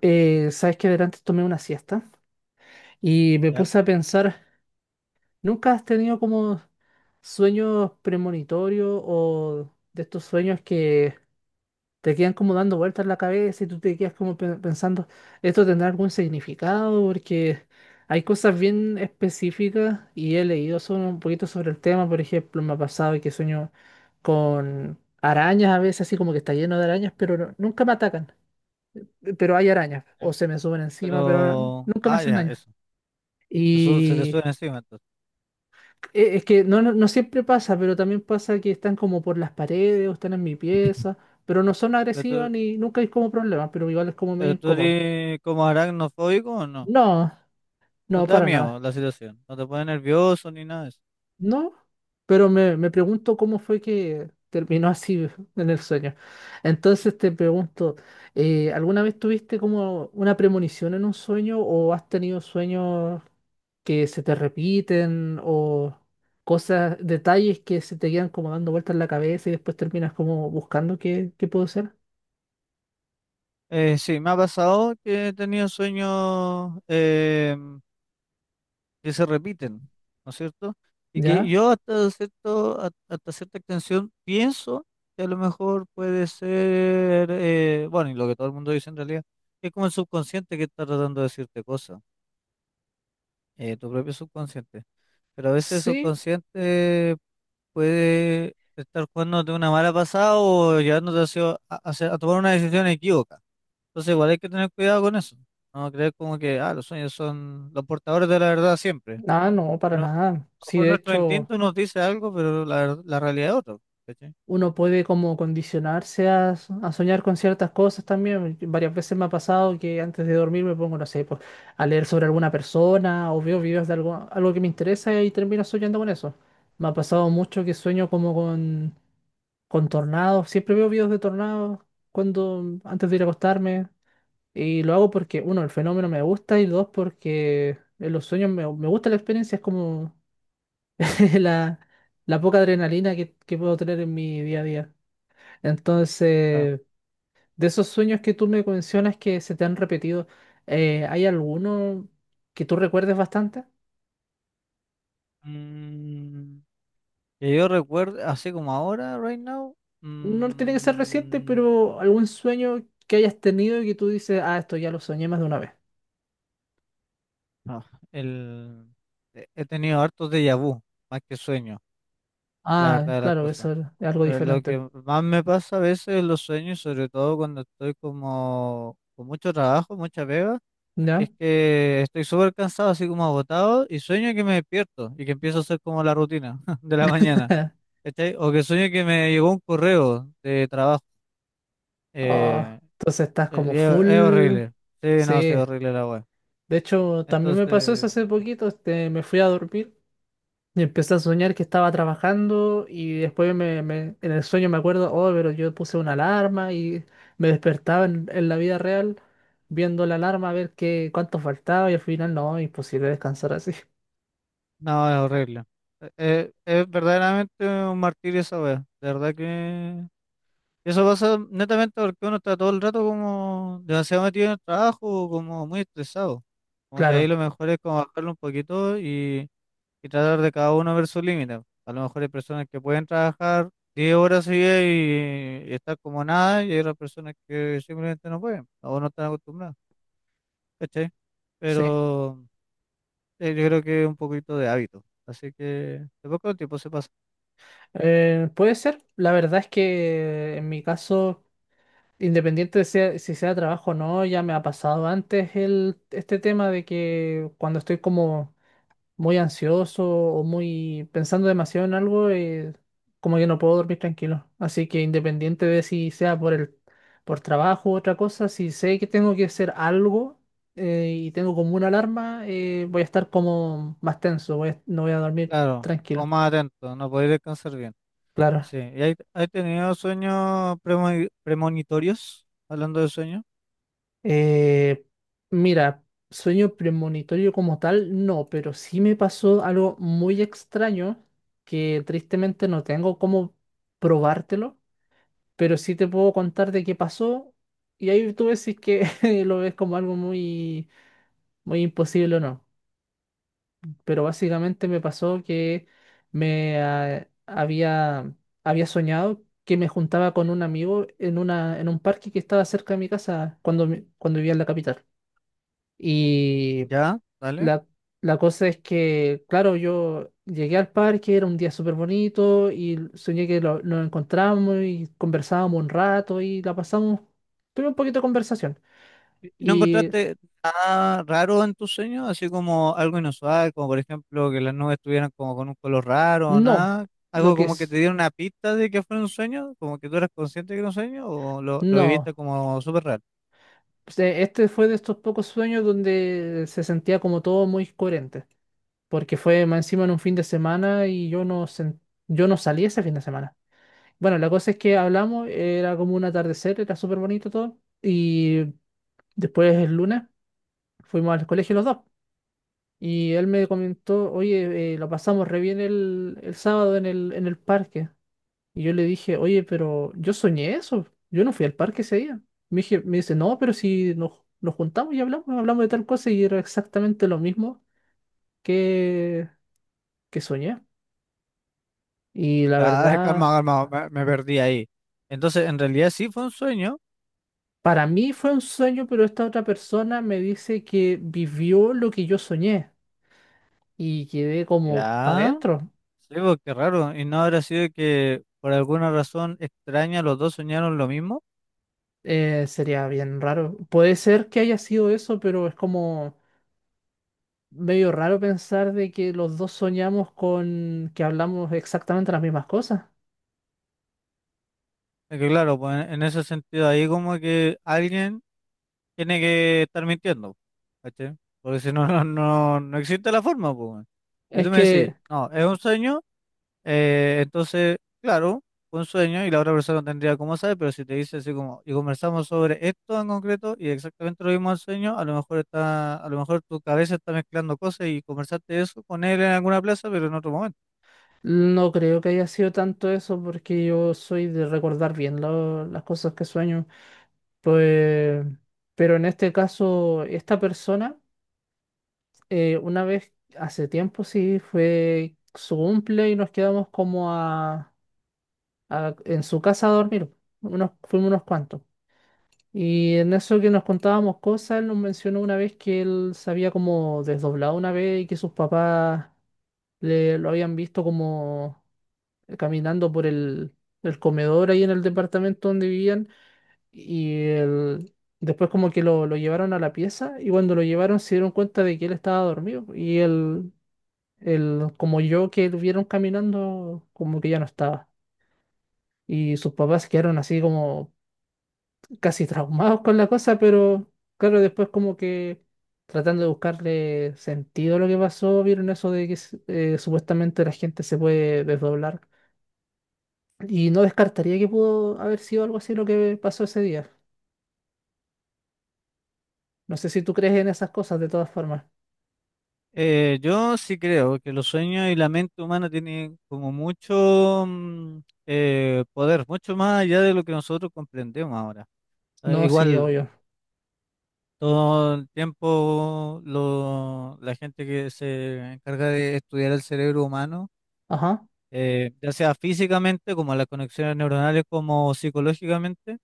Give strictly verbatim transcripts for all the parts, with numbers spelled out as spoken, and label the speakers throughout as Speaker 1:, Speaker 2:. Speaker 1: Eh, sabes que adelante tomé una siesta y me
Speaker 2: Ya,
Speaker 1: puse a pensar, ¿nunca has tenido como sueños premonitorios o de estos sueños que te quedan como dando vueltas en la cabeza y tú te quedas como pe- pensando, ¿esto tendrá algún significado? Porque hay cosas bien específicas y he leído sobre- un poquito sobre el tema, por ejemplo, me ha pasado que sueño con arañas a veces, así como que está lleno de arañas, pero no- nunca me atacan, pero hay arañas, o
Speaker 2: ya.
Speaker 1: se me suben encima, pero no-
Speaker 2: Pero,
Speaker 1: nunca me
Speaker 2: ah,
Speaker 1: hacen
Speaker 2: ya,
Speaker 1: daño.
Speaker 2: eso. Eso se te
Speaker 1: Y
Speaker 2: sube encima entonces.
Speaker 1: e- es que no, no, no siempre pasa, pero también pasa que están como por las paredes o están en mi pieza, pero no son
Speaker 2: Pero
Speaker 1: agresivas
Speaker 2: tú,
Speaker 1: ni nunca hay como problemas, pero igual es como medio
Speaker 2: pero tú
Speaker 1: incómodo.
Speaker 2: eres como aracnofóbico o ¿no?
Speaker 1: No,
Speaker 2: No
Speaker 1: no,
Speaker 2: te da
Speaker 1: para
Speaker 2: miedo
Speaker 1: nada.
Speaker 2: la situación, no te pone nervioso ni nada de eso.
Speaker 1: No, pero me, me pregunto cómo fue que terminó así en el sueño. Entonces te pregunto, eh, ¿alguna vez tuviste como una premonición en un sueño o has tenido sueños que se te repiten o cosas, detalles que se te quedan como dando vueltas en la cabeza y después terminas como buscando qué, qué puede ser?
Speaker 2: Eh, sí, me ha pasado que he tenido sueños em, que se repiten, ¿no es cierto? Y que
Speaker 1: ¿Ya?
Speaker 2: yo hasta cierto, ha- hasta cierta extensión pienso que a lo mejor puede ser, eh, bueno, y lo que todo el mundo dice en realidad, que es como el subconsciente que está tratando de decirte cosas, eh, tu propio subconsciente. Pero a veces el
Speaker 1: Sí,
Speaker 2: subconsciente puede estar jugándote una mala pasada o llevándote hacia- a, hacia- a tomar una decisión equívoca. Entonces igual hay que tener cuidado con eso. No creer como que ah, los sueños son los portadores de la verdad siempre.
Speaker 1: ah, no,
Speaker 2: A
Speaker 1: para
Speaker 2: lo a
Speaker 1: nada.
Speaker 2: lo
Speaker 1: Sí,
Speaker 2: mejor
Speaker 1: de
Speaker 2: nuestro
Speaker 1: hecho,
Speaker 2: instinto nos dice algo, pero la, ver- la realidad es otra. ¿Cachai?
Speaker 1: uno puede como condicionarse a, so- a soñar con ciertas cosas también. Varias veces me ha pasado que antes de dormir me pongo, no sé, pues, a leer sobre alguna persona o veo videos de algo, algo que me interesa y termino soñando con eso. Me ha pasado mucho que sueño como con, con tornados. Siempre veo videos de tornados cuando, antes de ir a acostarme. Y lo hago porque, uno, el fenómeno me gusta y dos, porque en los sueños me, me gusta la experiencia. Es como la, la poca adrenalina que, que puedo tener en mi día a día.
Speaker 2: Claro.
Speaker 1: Entonces, de esos sueños que tú me mencionas que se te han repetido, eh, ¿hay alguno que tú recuerdes bastante?
Speaker 2: Mm, que yo recuerdo, así como ahora, right now,
Speaker 1: No tiene que ser reciente,
Speaker 2: mm,
Speaker 1: pero algún sueño que hayas tenido y que tú dices, ah, esto ya lo soñé más de una vez.
Speaker 2: no, el, he he tenido hartos déjà vu, más que sueños, la
Speaker 1: Ah,
Speaker 2: verdad de las
Speaker 1: claro,
Speaker 2: cosas.
Speaker 1: eso es algo
Speaker 2: Eh, Lo que
Speaker 1: diferente.
Speaker 2: más me pasa a veces en los sueños, sobre todo cuando estoy como con mucho trabajo, mucha pega,
Speaker 1: ¿Ya?
Speaker 2: es que estoy súper cansado, así como agotado, y sueño que me despierto y que empiezo a hacer como la rutina de la mañana, ¿cachai? O que sueño que me llegó un correo de trabajo.
Speaker 1: Oh,
Speaker 2: eh,
Speaker 1: entonces estás como
Speaker 2: eh, es, es
Speaker 1: full.
Speaker 2: horrible. Sí, no, sí, es
Speaker 1: Sí.
Speaker 2: horrible la web.
Speaker 1: De hecho, también me pasó eso
Speaker 2: Entonces,
Speaker 1: hace poquito. Este, me fui a dormir. Y empecé a soñar que estaba trabajando y después me, me- en el sueño me acuerdo, oh, pero yo puse una alarma y me despertaba en, en la vida real viendo la alarma a ver qué, cuánto faltaba y al final no, imposible descansar así.
Speaker 2: no, es horrible. Eh, eh, es verdaderamente un martirio esa web. De verdad que... Y eso pasa netamente porque uno está todo el rato como demasiado metido en el trabajo, como muy estresado. Como que ahí
Speaker 1: Claro,
Speaker 2: lo mejor es como bajarlo un poquito y, y tratar de cada uno ver su límite. A lo mejor hay personas que pueden trabajar diez horas seguidas y, y estar como nada, y hay otras personas que simplemente no pueden o no están acostumbradas, ¿cachai?
Speaker 1: sí.
Speaker 2: Pero eh, yo creo que es un poquito de hábito. Así que de poco a tiempo se pasa.
Speaker 1: Eh, puede ser. La verdad es que en
Speaker 2: Ujú.
Speaker 1: mi caso, independiente de sea- si sea trabajo o no, ya me ha pasado antes el, este tema de que cuando estoy como muy ansioso o muy pensando demasiado en algo, eh, como que no puedo dormir tranquilo. Así que independiente de si sea por el, por trabajo u otra cosa, si sé que tengo que hacer algo eh, y tengo como una alarma, eh, voy a estar como más tenso, voy a- no voy a dormir
Speaker 2: Claro, o
Speaker 1: tranquilo.
Speaker 2: más atento, no podéis descansar bien.
Speaker 1: Claro.
Speaker 2: Sí, ¿y hay- has tenido sueños premo- premonitorios? Hablando de sueños,
Speaker 1: Eh, mira, sueño premonitorio como tal, no, pero sí me pasó algo muy extraño que tristemente no tengo cómo probártelo, pero sí te puedo contar de qué pasó y ahí tú ves si es que lo ves como algo muy, muy imposible o no. Pero básicamente me pasó que me ah, había, había soñado que me juntaba con un amigo en, una, en un parque que estaba cerca de mi casa cuando, mi- cuando vivía en la capital. Y
Speaker 2: ya, dale.
Speaker 1: la, la cosa es que, claro, yo llegué al parque, era un día súper bonito y soñé que lo- nos encontramos y conversábamos un rato y la pasamos, tuve un poquito de conversación.
Speaker 2: ¿Y no
Speaker 1: Y
Speaker 2: encontraste nada raro en tus sueños? Así como algo inusual, como por ejemplo que las nubes estuvieran como con un color raro o
Speaker 1: no,
Speaker 2: nada.
Speaker 1: lo
Speaker 2: Algo
Speaker 1: que
Speaker 2: como que
Speaker 1: es,
Speaker 2: te diera una pista de que fuera un sueño, como que tú eras consciente que era un sueño o lo, lo
Speaker 1: no.
Speaker 2: viviste como súper raro.
Speaker 1: Este este fue de estos pocos sueños donde se sentía como todo muy coherente, porque fue más encima en un fin de semana y yo no, sen- yo no salí ese fin de semana. Bueno, la cosa es que hablamos, era como un atardecer, era súper bonito todo. Y después el lunes fuimos al colegio los dos. Y él me comentó, oye, eh, lo pasamos re bien el, el sábado en el, en el parque. Y yo le dije, oye, pero yo soñé eso. Yo no fui al parque ese día. Me dije- me dice, no, pero si nos, nos juntamos y hablamos, hablamos de tal cosa y era exactamente lo mismo que, que soñé. Y la
Speaker 2: Ah, calma,
Speaker 1: verdad,
Speaker 2: calma, me, me perdí ahí. Entonces, en realidad sí fue un sueño,
Speaker 1: para mí fue un sueño, pero esta otra persona me dice que vivió lo que yo soñé. Y quedé como para
Speaker 2: ya.
Speaker 1: adentro.
Speaker 2: Sí, pues, qué raro. ¿Y no habrá sido que por alguna razón extraña los dos soñaron lo mismo?
Speaker 1: Eh, sería bien raro. Puede ser que haya sido eso, pero es como medio raro pensar de que los dos soñamos con que hablamos exactamente las mismas cosas.
Speaker 2: Es que claro, pues en en ese sentido ahí como que alguien tiene que estar mintiendo, ¿cachai? Porque si no, no, no, no existe la forma, pues. Weón. Si
Speaker 1: Es
Speaker 2: tú me decís,
Speaker 1: que
Speaker 2: no, es un sueño. Eh, entonces, claro, un sueño y la otra persona no tendría cómo saber, pero si te dice así como, y conversamos sobre esto en concreto y exactamente lo mismo al sueño, a lo mejor está, a lo mejor tu cabeza está mezclando cosas y conversaste eso con él en alguna plaza, pero en otro momento.
Speaker 1: no creo que haya sido tanto eso porque yo soy de recordar bien lo- las cosas que sueño. Pues, pero en este caso, esta persona, eh, una vez hace tiempo, sí, fue su cumple y nos quedamos como a, a- en su casa a dormir. Unos, fuimos unos cuantos. Y en eso que nos contábamos cosas, él nos mencionó una vez que él se había como desdoblado una vez y que sus papás le, lo habían visto como caminando por el, el comedor ahí en el departamento donde vivían y él- después como que lo, lo llevaron a la pieza y cuando lo llevaron se dieron cuenta de que él estaba dormido y él, él como yo que lo vieron caminando como que ya no estaba. Y sus papás quedaron así como casi traumados con la cosa, pero claro, después como que tratando de buscarle sentido a lo que pasó, vieron eso de que s- eh, supuestamente la gente se puede desdoblar. Y no descartaría que pudo haber sido algo así lo que pasó ese día. No sé si tú crees en esas cosas de todas formas.
Speaker 2: Eh, yo sí creo que los sueños y la mente humana tienen como mucho mm, eh, poder, mucho más allá de lo que nosotros comprendemos ahora. Eh,
Speaker 1: No, sí,
Speaker 2: igual.
Speaker 1: obvio.
Speaker 2: Todo el tiempo lo- la gente que se encarga de estudiar el cerebro humano,
Speaker 1: Ajá.
Speaker 2: eh, ya sea físicamente, como las conexiones neuronales, como psicológicamente,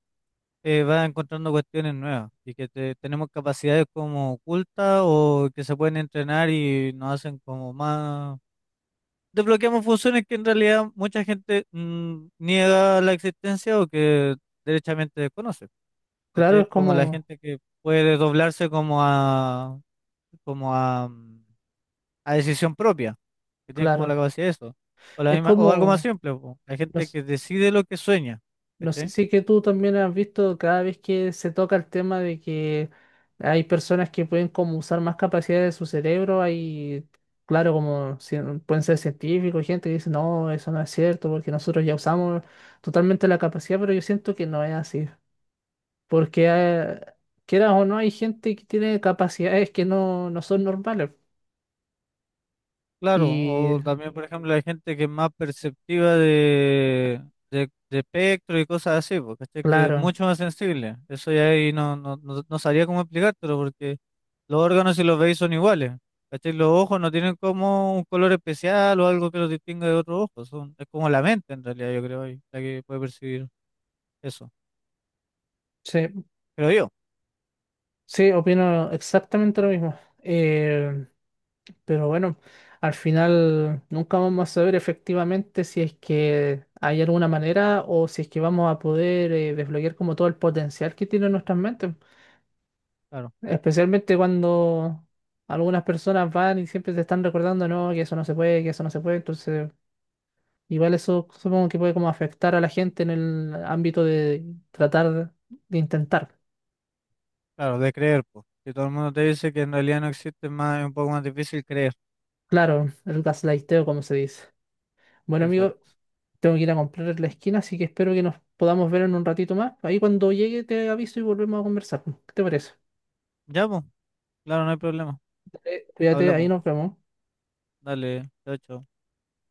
Speaker 2: eh, va encontrando cuestiones nuevas y que te- tenemos capacidades como ocultas o que se pueden entrenar y nos hacen como más... Desbloqueamos funciones que en realidad mucha gente mm, niega la existencia o que derechamente desconoce,
Speaker 1: Claro,
Speaker 2: ¿cachai?
Speaker 1: es
Speaker 2: Como la
Speaker 1: como,
Speaker 2: gente que puede doblarse como a como a, mm, a decisión propia, que tienen como la
Speaker 1: claro.
Speaker 2: capacidad de eso. O la
Speaker 1: Es
Speaker 2: misma, o algo más
Speaker 1: como,
Speaker 2: simple, po, la
Speaker 1: no,
Speaker 2: gente que decide lo que sueña,
Speaker 1: no sé
Speaker 2: ¿cachai?
Speaker 1: si que tú también has visto cada vez que se toca el tema de que hay personas que pueden como usar más capacidades de su cerebro, hay, claro, como cien- pueden ser científicos, gente que dice, no, eso no es cierto, porque nosotros ya usamos totalmente la capacidad, pero yo siento que no es así, porque eh, quieras o no, hay gente que tiene capacidades que no, no son normales.
Speaker 2: Claro,
Speaker 1: Y
Speaker 2: o también, por ejemplo, la gente que es más perceptiva de, de, de, espectro y cosas así, po, ¿cachai? Que es
Speaker 1: claro,
Speaker 2: mucho más sensible. Eso ya ahí no, no, no, no sabría cómo explicártelo, porque los órganos, si los veis, son iguales. ¿Cachai? Los ojos no tienen como un color especial o algo que los distinga de otros ojos. Son, es como la mente, en realidad, yo creo, ahí, la que puede percibir eso.
Speaker 1: sí,
Speaker 2: Creo yo.
Speaker 1: sí, opino exactamente lo
Speaker 2: Mm.
Speaker 1: mismo. eh, Pero bueno, al final nunca vamos a saber efectivamente si es que hay alguna manera o si es que vamos a poder eh, desbloquear como todo el potencial que tiene en nuestras mentes.
Speaker 2: Claro,
Speaker 1: Especialmente cuando algunas personas van y siempre te están recordando, no, que eso no se puede, que eso no se puede. Entonces, igual eso supongo que puede como afectar a la gente en el ámbito de tratar de intentar.
Speaker 2: claro, de creer, pues. Si todo el mundo te dice que en realidad no existe, es más, es un poco más difícil creer.
Speaker 1: Claro, el gaslighteo, como se dice. Bueno, amigo,
Speaker 2: Exacto.
Speaker 1: tengo que ir a comprar en la esquina, así que espero que nos podamos ver en un ratito más. Ahí cuando llegue te aviso y volvemos a conversar. ¿Qué te parece?
Speaker 2: Ya, pues, claro, no hay problema.
Speaker 1: Eh, Cuídate, ahí
Speaker 2: Hablamos.
Speaker 1: nos vemos.
Speaker 2: Dale, chao, chao.